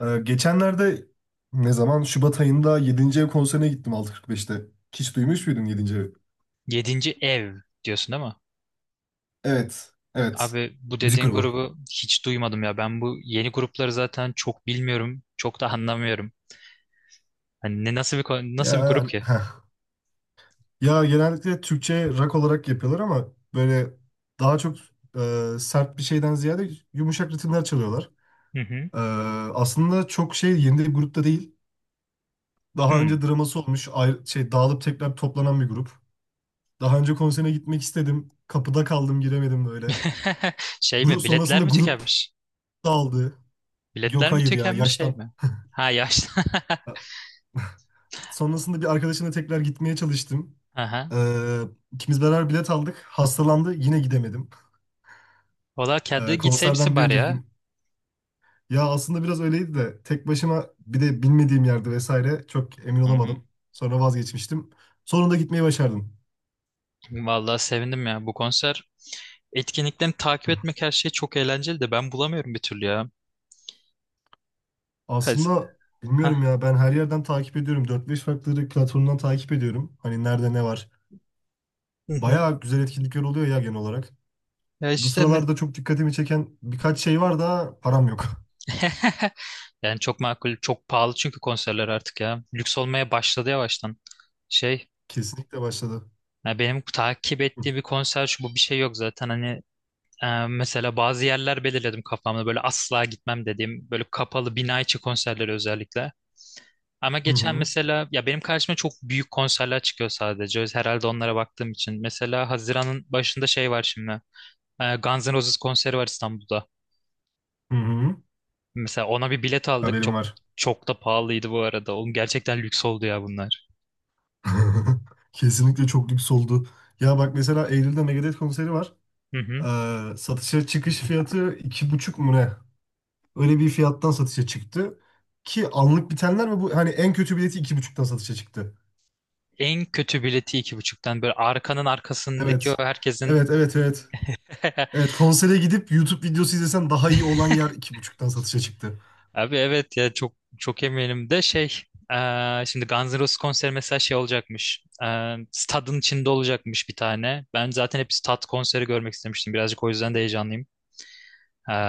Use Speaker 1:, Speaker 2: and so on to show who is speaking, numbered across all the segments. Speaker 1: Geçenlerde ne zaman? Şubat ayında 7. ev konserine gittim 6.45'te. Hiç duymuş muydun 7. evi?
Speaker 2: Yedinci ev diyorsun değil mi?
Speaker 1: Evet. Evet.
Speaker 2: Abi bu
Speaker 1: Müzik
Speaker 2: dediğin
Speaker 1: grubu.
Speaker 2: grubu hiç duymadım ya. Ben bu yeni grupları zaten çok bilmiyorum. Çok da anlamıyorum. Hani ne nasıl bir grup
Speaker 1: Yani.
Speaker 2: ki?
Speaker 1: Ya genellikle Türkçe rock olarak yapıyorlar ama böyle daha çok sert bir şeyden ziyade yumuşak ritimler çalıyorlar.
Speaker 2: Hı hı.
Speaker 1: E, Aslında çok şey yeni bir grupta değil. Daha
Speaker 2: Hmm.
Speaker 1: önce draması olmuş, ayrı, şey dağılıp tekrar toplanan bir grup. Daha önce konserine gitmek istedim. Kapıda kaldım, giremedim böyle.
Speaker 2: Şey
Speaker 1: Grup
Speaker 2: mi? Biletler
Speaker 1: sonrasında
Speaker 2: mi
Speaker 1: grup
Speaker 2: tükenmiş?
Speaker 1: dağıldı.
Speaker 2: Biletler
Speaker 1: Yok
Speaker 2: mi
Speaker 1: hayır ya
Speaker 2: tükenmiş şey
Speaker 1: yaştan.
Speaker 2: mi? Ha yaşlı.
Speaker 1: E, Sonrasında bir arkadaşımla tekrar gitmeye çalıştım.
Speaker 2: Aha.
Speaker 1: Ee, ikimiz beraber bilet aldık. Hastalandı, yine gidemedim.
Speaker 2: Valla kendi gitseymişsin
Speaker 1: Konserden bir
Speaker 2: bari
Speaker 1: önceki
Speaker 2: ya.
Speaker 1: gün. Ya aslında biraz öyleydi de tek başıma bir de bilmediğim yerde vesaire çok emin
Speaker 2: Hı hı.
Speaker 1: olamadım. Sonra vazgeçmiştim. Sonunda gitmeyi başardım.
Speaker 2: Vallahi sevindim ya. Bu konser etkinliklerini takip
Speaker 1: Hı.
Speaker 2: etmek her şey çok eğlenceli de ben bulamıyorum bir türlü ya. Hadi.
Speaker 1: Aslında bilmiyorum
Speaker 2: Ha.
Speaker 1: ya, ben her yerden takip ediyorum. Dört beş farklı platformdan takip ediyorum. Hani nerede ne var.
Speaker 2: Hı hı.
Speaker 1: Bayağı güzel etkinlikler oluyor ya genel olarak.
Speaker 2: Ya
Speaker 1: Bu
Speaker 2: işte.
Speaker 1: sıralarda çok dikkatimi çeken birkaç şey var da param yok.
Speaker 2: Yani çok makul, çok pahalı çünkü konserler artık ya. Lüks olmaya başladı yavaştan. Şey,
Speaker 1: Kesinlikle başladı.
Speaker 2: ya benim takip ettiğim bir konser şu bu bir şey yok zaten. Hani mesela bazı yerler belirledim kafamda böyle asla gitmem dediğim böyle kapalı bina içi konserleri özellikle. Ama
Speaker 1: Hı
Speaker 2: geçen
Speaker 1: hı.
Speaker 2: mesela ya benim karşıma çok büyük konserler çıkıyor sadece. Herhalde onlara baktığım için. Mesela Haziran'ın başında şey var şimdi. Guns N' Roses konseri var İstanbul'da.
Speaker 1: Hı hı.
Speaker 2: Mesela ona bir bilet aldık.
Speaker 1: Haberim
Speaker 2: Çok
Speaker 1: var.
Speaker 2: çok da pahalıydı bu arada. Oğlum gerçekten lüks oldu ya bunlar.
Speaker 1: Kesinlikle çok lüks oldu. Ya bak mesela Eylül'de Megadeth konseri var.
Speaker 2: Hı hı.
Speaker 1: Satışa çıkış fiyatı iki buçuk mu ne? Öyle bir fiyattan satışa çıktı. Ki anlık bitenler ve bu hani en kötü bileti iki buçuktan satışa çıktı.
Speaker 2: En kötü bileti iki buçuktan böyle arkanın arkasındaki o
Speaker 1: Evet. Evet,
Speaker 2: herkesin.
Speaker 1: evet, evet. Evet, konsere gidip YouTube videosu izlesen daha iyi olan yer iki buçuktan satışa çıktı.
Speaker 2: Abi evet ya çok çok eminim de şey şimdi Guns N' Roses konseri mesela şey olacakmış. Stadın içinde olacakmış bir tane. Ben zaten hep stad konseri görmek istemiştim birazcık, o yüzden de heyecanlıyım.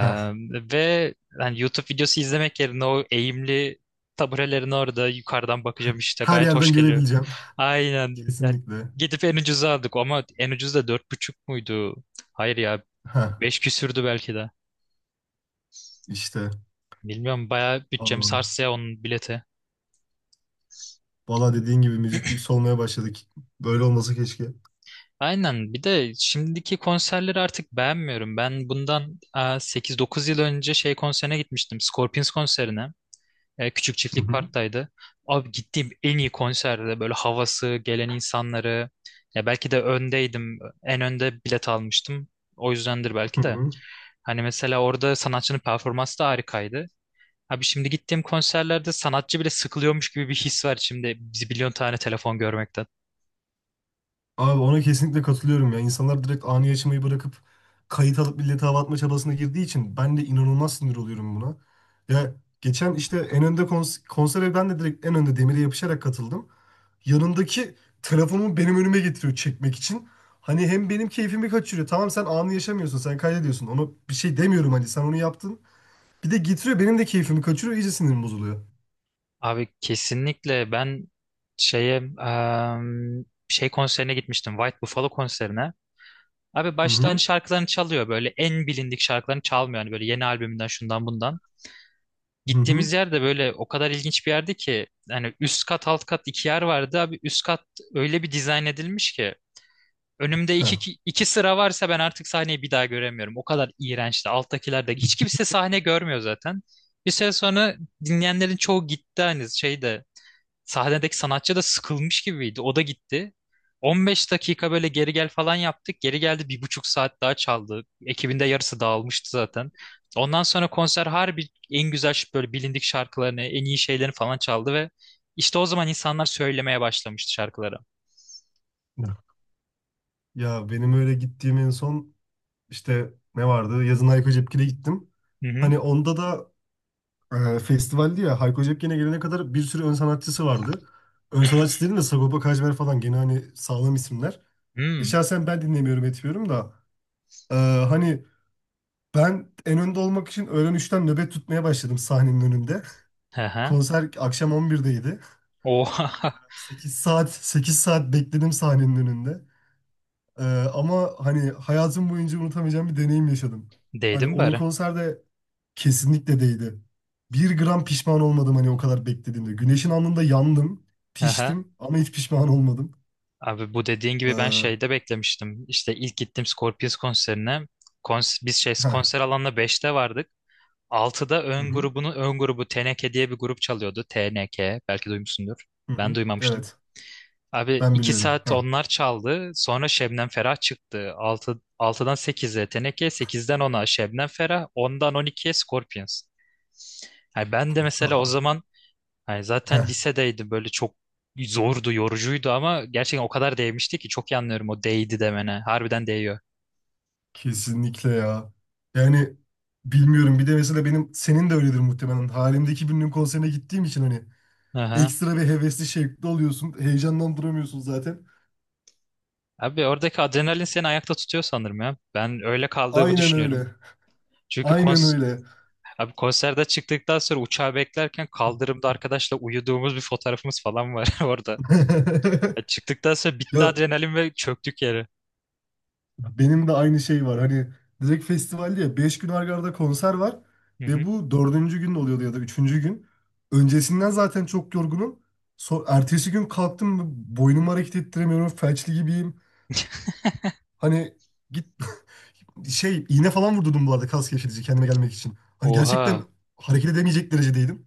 Speaker 1: Heh.
Speaker 2: ve yani YouTube videosu izlemek yerine o eğimli taburelerin orada yukarıdan bakacağım işte,
Speaker 1: Her
Speaker 2: gayet hoş
Speaker 1: yerden
Speaker 2: geliyor.
Speaker 1: görebileceğim.
Speaker 2: Aynen. Yani
Speaker 1: Kesinlikle.
Speaker 2: gidip en ucuza aldık ama en ucuz da dört buçuk muydu? Hayır ya,
Speaker 1: Heh,
Speaker 2: beş küsürdü belki de.
Speaker 1: işte.
Speaker 2: Bilmiyorum, bayağı bütçemi
Speaker 1: Aa,
Speaker 2: sarstı ya onun bileti.
Speaker 1: Valla dediğin gibi müziklik solmaya başladık. Böyle olmasa keşke.
Speaker 2: Aynen, bir de şimdiki konserleri artık beğenmiyorum. Ben bundan sekiz dokuz yıl önce şey konserine gitmiştim. Scorpions konserine. Küçük
Speaker 1: Hı
Speaker 2: çiftlik
Speaker 1: hı.
Speaker 2: parktaydı. Abi gittiğim en iyi konserde böyle, havası, gelen insanları. Ya belki de öndeydim. En önde bilet almıştım. O yüzdendir
Speaker 1: Hı
Speaker 2: belki de.
Speaker 1: hı.
Speaker 2: Hani mesela orada sanatçının performansı da harikaydı. Abi şimdi gittiğim konserlerde sanatçı bile sıkılıyormuş gibi bir his var, şimdi biz milyon tane telefon görmekten.
Speaker 1: Abi ona kesinlikle katılıyorum ya. İnsanlar direkt anı yaşamayı bırakıp kayıt alıp millete hava atma çabasına girdiği için ben de inanılmaz sinir oluyorum buna. Ya geçen işte en önde konsere ben de direkt en önde demire yapışarak katıldım. Yanındaki telefonumu benim önüme getiriyor çekmek için. Hani hem benim keyfimi kaçırıyor. Tamam, sen anı yaşamıyorsun, sen kaydediyorsun. Ona bir şey demiyorum, hani sen onu yaptın. Bir de getiriyor, benim de keyfimi kaçırıyor. İyice sinirim bozuluyor.
Speaker 2: Abi kesinlikle ben şeye şey konserine gitmiştim. White Buffalo konserine. Abi
Speaker 1: Hı
Speaker 2: baştan
Speaker 1: hı.
Speaker 2: şarkılarını çalıyor, böyle en bilindik şarkılarını çalmıyor, hani böyle yeni albümünden şundan bundan.
Speaker 1: Hı hı.
Speaker 2: Gittiğimiz yer de böyle o kadar ilginç bir yerdi ki hani üst kat alt kat iki yer vardı. Abi üst kat öyle bir dizayn edilmiş ki önümde iki,
Speaker 1: Heh.
Speaker 2: iki, iki sıra varsa ben artık sahneyi bir daha göremiyorum. O kadar iğrençti, alttakiler de hiç kimse sahne görmüyor zaten. Bir süre sonra dinleyenlerin çoğu gitti, hani şeyde sahnedeki sanatçı da sıkılmış gibiydi. O da gitti. 15 dakika böyle geri gel falan yaptık. Geri geldi 1,5 saat daha çaldı. Ekibinde yarısı dağılmıştı zaten. Ondan sonra konser harbi en güzel böyle bilindik şarkılarını, en iyi şeylerini falan çaldı ve işte o zaman insanlar söylemeye başlamıştı şarkıları.
Speaker 1: Ya benim öyle gittiğim en son işte ne vardı? Yazın Hayko Cepkin'e gittim.
Speaker 2: Hı hı.
Speaker 1: Hani onda da festivaldi ya, Hayko Cepkin'e gelene kadar bir sürü ön sanatçısı vardı. Ön sanatçı dedim de Sagopa Kajmer falan, gene hani sağlam isimler.
Speaker 2: Hmm.
Speaker 1: Şahsen ben dinlemiyorum etmiyorum da e, hani ben en önde olmak için öğlen 3'ten nöbet tutmaya başladım sahnenin önünde.
Speaker 2: Aha.
Speaker 1: Konser akşam 11'deydi.
Speaker 2: Oha.
Speaker 1: 8 saat, 8 saat bekledim sahnenin önünde. E, Ama hani hayatım boyunca unutamayacağım bir deneyim yaşadım. Hani
Speaker 2: Değdim
Speaker 1: onun
Speaker 2: bari.
Speaker 1: konserde Kesinlikle değdi. Bir gram pişman olmadım hani, o kadar beklediğimde. Güneşin alnında yandım,
Speaker 2: Aha.
Speaker 1: piştim ama hiç pişman olmadım.
Speaker 2: Abi bu dediğin gibi ben
Speaker 1: Ee,
Speaker 2: şeyde beklemiştim. İşte ilk gittim Scorpions konserine. Biz şey
Speaker 1: heh,
Speaker 2: konser alanına 5'te vardık. 6'da
Speaker 1: hı hı,
Speaker 2: ön grubu TNK diye bir grup çalıyordu. TNK belki duymuşsundur.
Speaker 1: hı
Speaker 2: Ben
Speaker 1: hı.
Speaker 2: duymamıştım.
Speaker 1: Evet,
Speaker 2: Abi
Speaker 1: ben
Speaker 2: 2
Speaker 1: biliyorum.
Speaker 2: saat onlar çaldı. Sonra Şebnem Ferah çıktı. 6'dan 8'e TNK, sekizden ona Şebnem Ferah, 10'dan 12'ye Scorpions. Yani ben de mesela o zaman, hani zaten
Speaker 1: Heh,
Speaker 2: lisedeydim, böyle çok zordu, yorucuydu ama gerçekten o kadar değmişti ki, çok iyi anlıyorum o değdi demene. Harbiden değiyor.
Speaker 1: Kesinlikle ya. Yani bilmiyorum, bir de mesela benim senin de öyledir muhtemelen. Halimdeki birinin konserine gittiğim için hani
Speaker 2: Aha.
Speaker 1: ekstra bir hevesli şevkli oluyorsun. Heyecandan duramıyorsun zaten.
Speaker 2: Abi oradaki adrenalin seni ayakta tutuyor sanırım ya. Ben öyle kaldığımı
Speaker 1: Aynen
Speaker 2: düşünüyorum.
Speaker 1: öyle.
Speaker 2: Çünkü
Speaker 1: Aynen
Speaker 2: kons
Speaker 1: öyle.
Speaker 2: Abi konserde çıktıktan sonra uçağı beklerken kaldırımda arkadaşla uyuduğumuz bir fotoğrafımız falan var orada. Ya çıktıktan sonra
Speaker 1: Ya
Speaker 2: bitti adrenalin ve çöktük yere.
Speaker 1: benim de aynı şey var. Hani direkt festivalde ya 5 gün arda arda konser var
Speaker 2: Hı
Speaker 1: ve
Speaker 2: hı.
Speaker 1: bu dördüncü gün oluyordu ya da üçüncü gün. Öncesinden zaten çok yorgunum. So ertesi gün kalktım, boynumu hareket ettiremiyorum. Felçli gibiyim. Hani git şey iğne falan vurdurdum bu arada, kas gevşetici kendime gelmek için. Hani gerçekten
Speaker 2: Oha.
Speaker 1: hareket edemeyecek derecedeydim.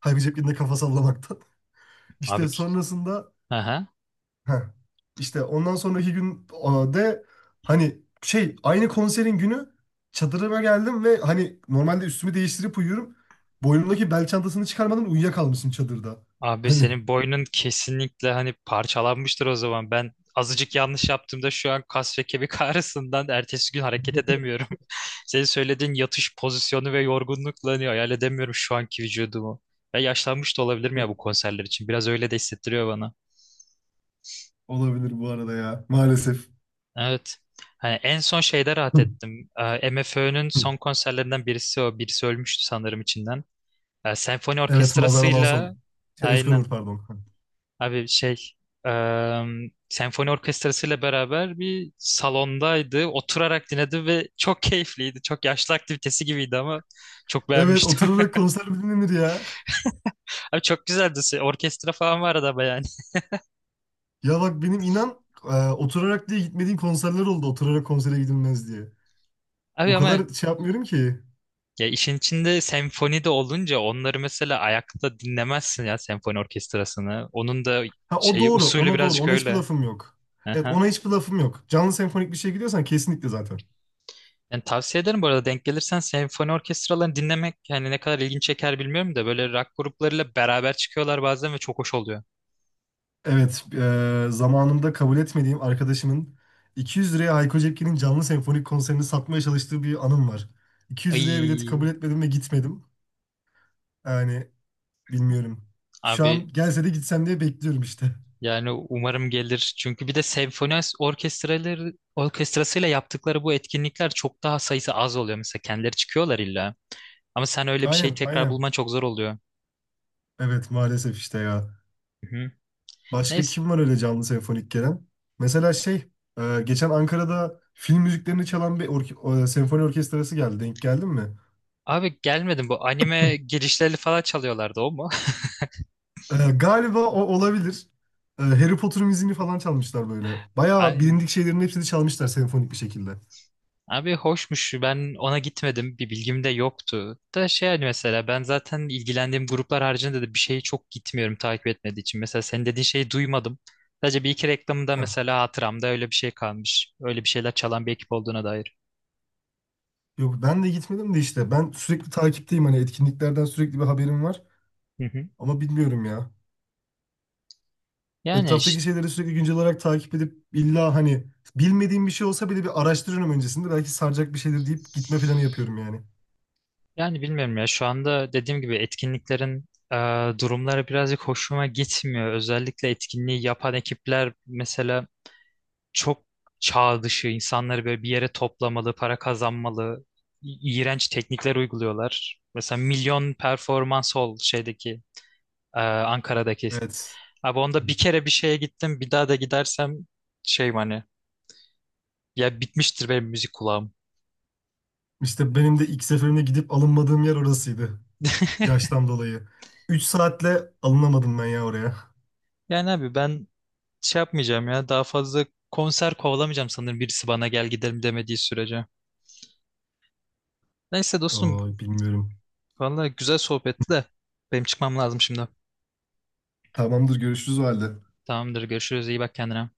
Speaker 1: Halbuki cep yerine kafa sallamaktan.
Speaker 2: Abi,
Speaker 1: İşte sonrasında
Speaker 2: aha.
Speaker 1: Heh. İşte ondan sonraki gün a, de hani şey aynı konserin günü çadırıma geldim ve hani normalde üstümü değiştirip uyuyorum. Boynumdaki bel çantasını çıkarmadan uyuyakalmışım çadırda.
Speaker 2: Abi
Speaker 1: Hani
Speaker 2: senin boynun kesinlikle hani parçalanmıştır o zaman. Ben azıcık yanlış yaptığımda şu an kas ve kemik ağrısından ertesi gün hareket edemiyorum. Senin söylediğin yatış pozisyonu ve yorgunlukla hani hayal edemiyorum şu anki vücudumu. Ya yaşlanmış da olabilirim ya bu konserler için. Biraz öyle de hissettiriyor bana.
Speaker 1: olabilir bu arada ya maalesef.
Speaker 2: Evet. Hani en son şeyde rahat
Speaker 1: Hı.
Speaker 2: ettim. MFÖ'nün
Speaker 1: Hı.
Speaker 2: son konserlerinden birisi o. Birisi ölmüştü sanırım içinden. Senfoni
Speaker 1: Evet, Mazara'dan
Speaker 2: orkestrasıyla
Speaker 1: son. Şey, Özkan Uğur,
Speaker 2: aynen.
Speaker 1: pardon. Hı.
Speaker 2: Abi şey eee, senfoni orkestrasıyla beraber bir salondaydı. Oturarak dinledi ve çok keyifliydi. Çok yaşlı aktivitesi gibiydi ama çok
Speaker 1: Evet,
Speaker 2: beğenmiştim.
Speaker 1: oturarak konser mi dinlenir ya?
Speaker 2: Abi çok güzeldi. Orkestra falan vardı ama yani.
Speaker 1: Ya bak benim inan oturarak diye gitmediğim konserler oldu. Oturarak konsere gidilmez diye. O
Speaker 2: Abi ama.
Speaker 1: kadar şey yapmıyorum ki.
Speaker 2: Ya işin içinde senfoni de olunca onları mesela ayakta dinlemezsin ya, senfoni orkestrasını. Onun da
Speaker 1: Ha o
Speaker 2: şeyi
Speaker 1: doğru.
Speaker 2: usulü
Speaker 1: Ona doğru.
Speaker 2: birazcık
Speaker 1: Ona hiçbir
Speaker 2: öyle.
Speaker 1: lafım yok. Evet,
Speaker 2: Aha.
Speaker 1: ona hiçbir lafım yok. Canlı senfonik bir şey gidiyorsan kesinlikle zaten.
Speaker 2: Yani tavsiye ederim bu arada, denk gelirsen senfoni orkestralarını dinlemek, yani ne kadar ilgin çeker bilmiyorum da böyle rock gruplarıyla beraber çıkıyorlar bazen ve çok hoş oluyor.
Speaker 1: Evet, zamanında kabul etmediğim arkadaşımın 200 liraya Hayko Cepkin'in canlı senfonik konserini satmaya çalıştığı bir anım var. 200 liraya bileti
Speaker 2: Ay
Speaker 1: kabul etmedim ve gitmedim. Yani bilmiyorum. Şu
Speaker 2: abi
Speaker 1: an gelse de gitsem diye bekliyorum işte.
Speaker 2: yani umarım gelir. Çünkü bir de senfoni orkestrasıyla yaptıkları bu etkinlikler çok daha sayısı az oluyor, mesela kendileri çıkıyorlar illa. Ama sen öyle bir şeyi
Speaker 1: Aynen
Speaker 2: tekrar
Speaker 1: aynen.
Speaker 2: bulman çok zor oluyor.
Speaker 1: Evet, maalesef işte ya.
Speaker 2: Hı.
Speaker 1: Başka
Speaker 2: Neyse.
Speaker 1: kim var öyle canlı senfonik gelen? Mesela şey, geçen Ankara'da film müziklerini çalan bir senfoni orkestrası geldi. Denk geldin mi?
Speaker 2: Abi gelmedim, bu anime girişleri falan çalıyorlardı o mu?
Speaker 1: Galiba o olabilir. Harry Potter müziğini falan çalmışlar böyle. Bayağı
Speaker 2: Aynen.
Speaker 1: bilindik şeylerin hepsini çalmışlar senfonik bir şekilde.
Speaker 2: Abi hoşmuş, ben ona gitmedim, bir bilgim de yoktu. Da şey, hani mesela ben zaten ilgilendiğim gruplar haricinde de bir şeyi çok gitmiyorum takip etmediği için. Mesela senin dediğin şeyi duymadım. Sadece bir iki reklamında
Speaker 1: Heh.
Speaker 2: mesela hatıramda öyle bir şey kalmış. Öyle bir şeyler çalan bir ekip olduğuna dair.
Speaker 1: Yok ben de gitmedim de işte. Ben sürekli takipteyim hani, etkinliklerden sürekli bir haberim var.
Speaker 2: Hı hı.
Speaker 1: Ama bilmiyorum ya.
Speaker 2: Yani
Speaker 1: Etraftaki şeyleri sürekli güncel olarak takip edip illa hani bilmediğim bir şey olsa bile bir araştırıyorum öncesinde. Belki saracak bir şeydir deyip gitme planı yapıyorum yani.
Speaker 2: bilmiyorum ya şu anda dediğim gibi etkinliklerin e, durumları birazcık hoşuma gitmiyor. Özellikle etkinliği yapan ekipler mesela çok çağ dışı insanları böyle bir yere toplamalı, para kazanmalı, iğrenç teknikler uyguluyorlar. Mesela Milyon Performans Hall şeydeki Ankara'daki.
Speaker 1: Evet.
Speaker 2: Abi onda bir kere bir şeye gittim. Bir daha da gidersem şey, hani ya bitmiştir benim müzik kulağım.
Speaker 1: İşte benim de ilk seferimde gidip alınmadığım yer orasıydı. Yaştan dolayı. 3 saatle alınamadım ben ya oraya.
Speaker 2: Yani abi ben şey yapmayacağım ya, daha fazla konser kovalamayacağım sanırım, birisi bana gel gidelim demediği sürece. Neyse dostum,
Speaker 1: Bilmiyorum.
Speaker 2: vallahi güzel sohbetti de benim çıkmam lazım şimdi.
Speaker 1: Tamamdır, görüşürüz o halde.
Speaker 2: Tamamdır, görüşürüz, iyi bak kendine.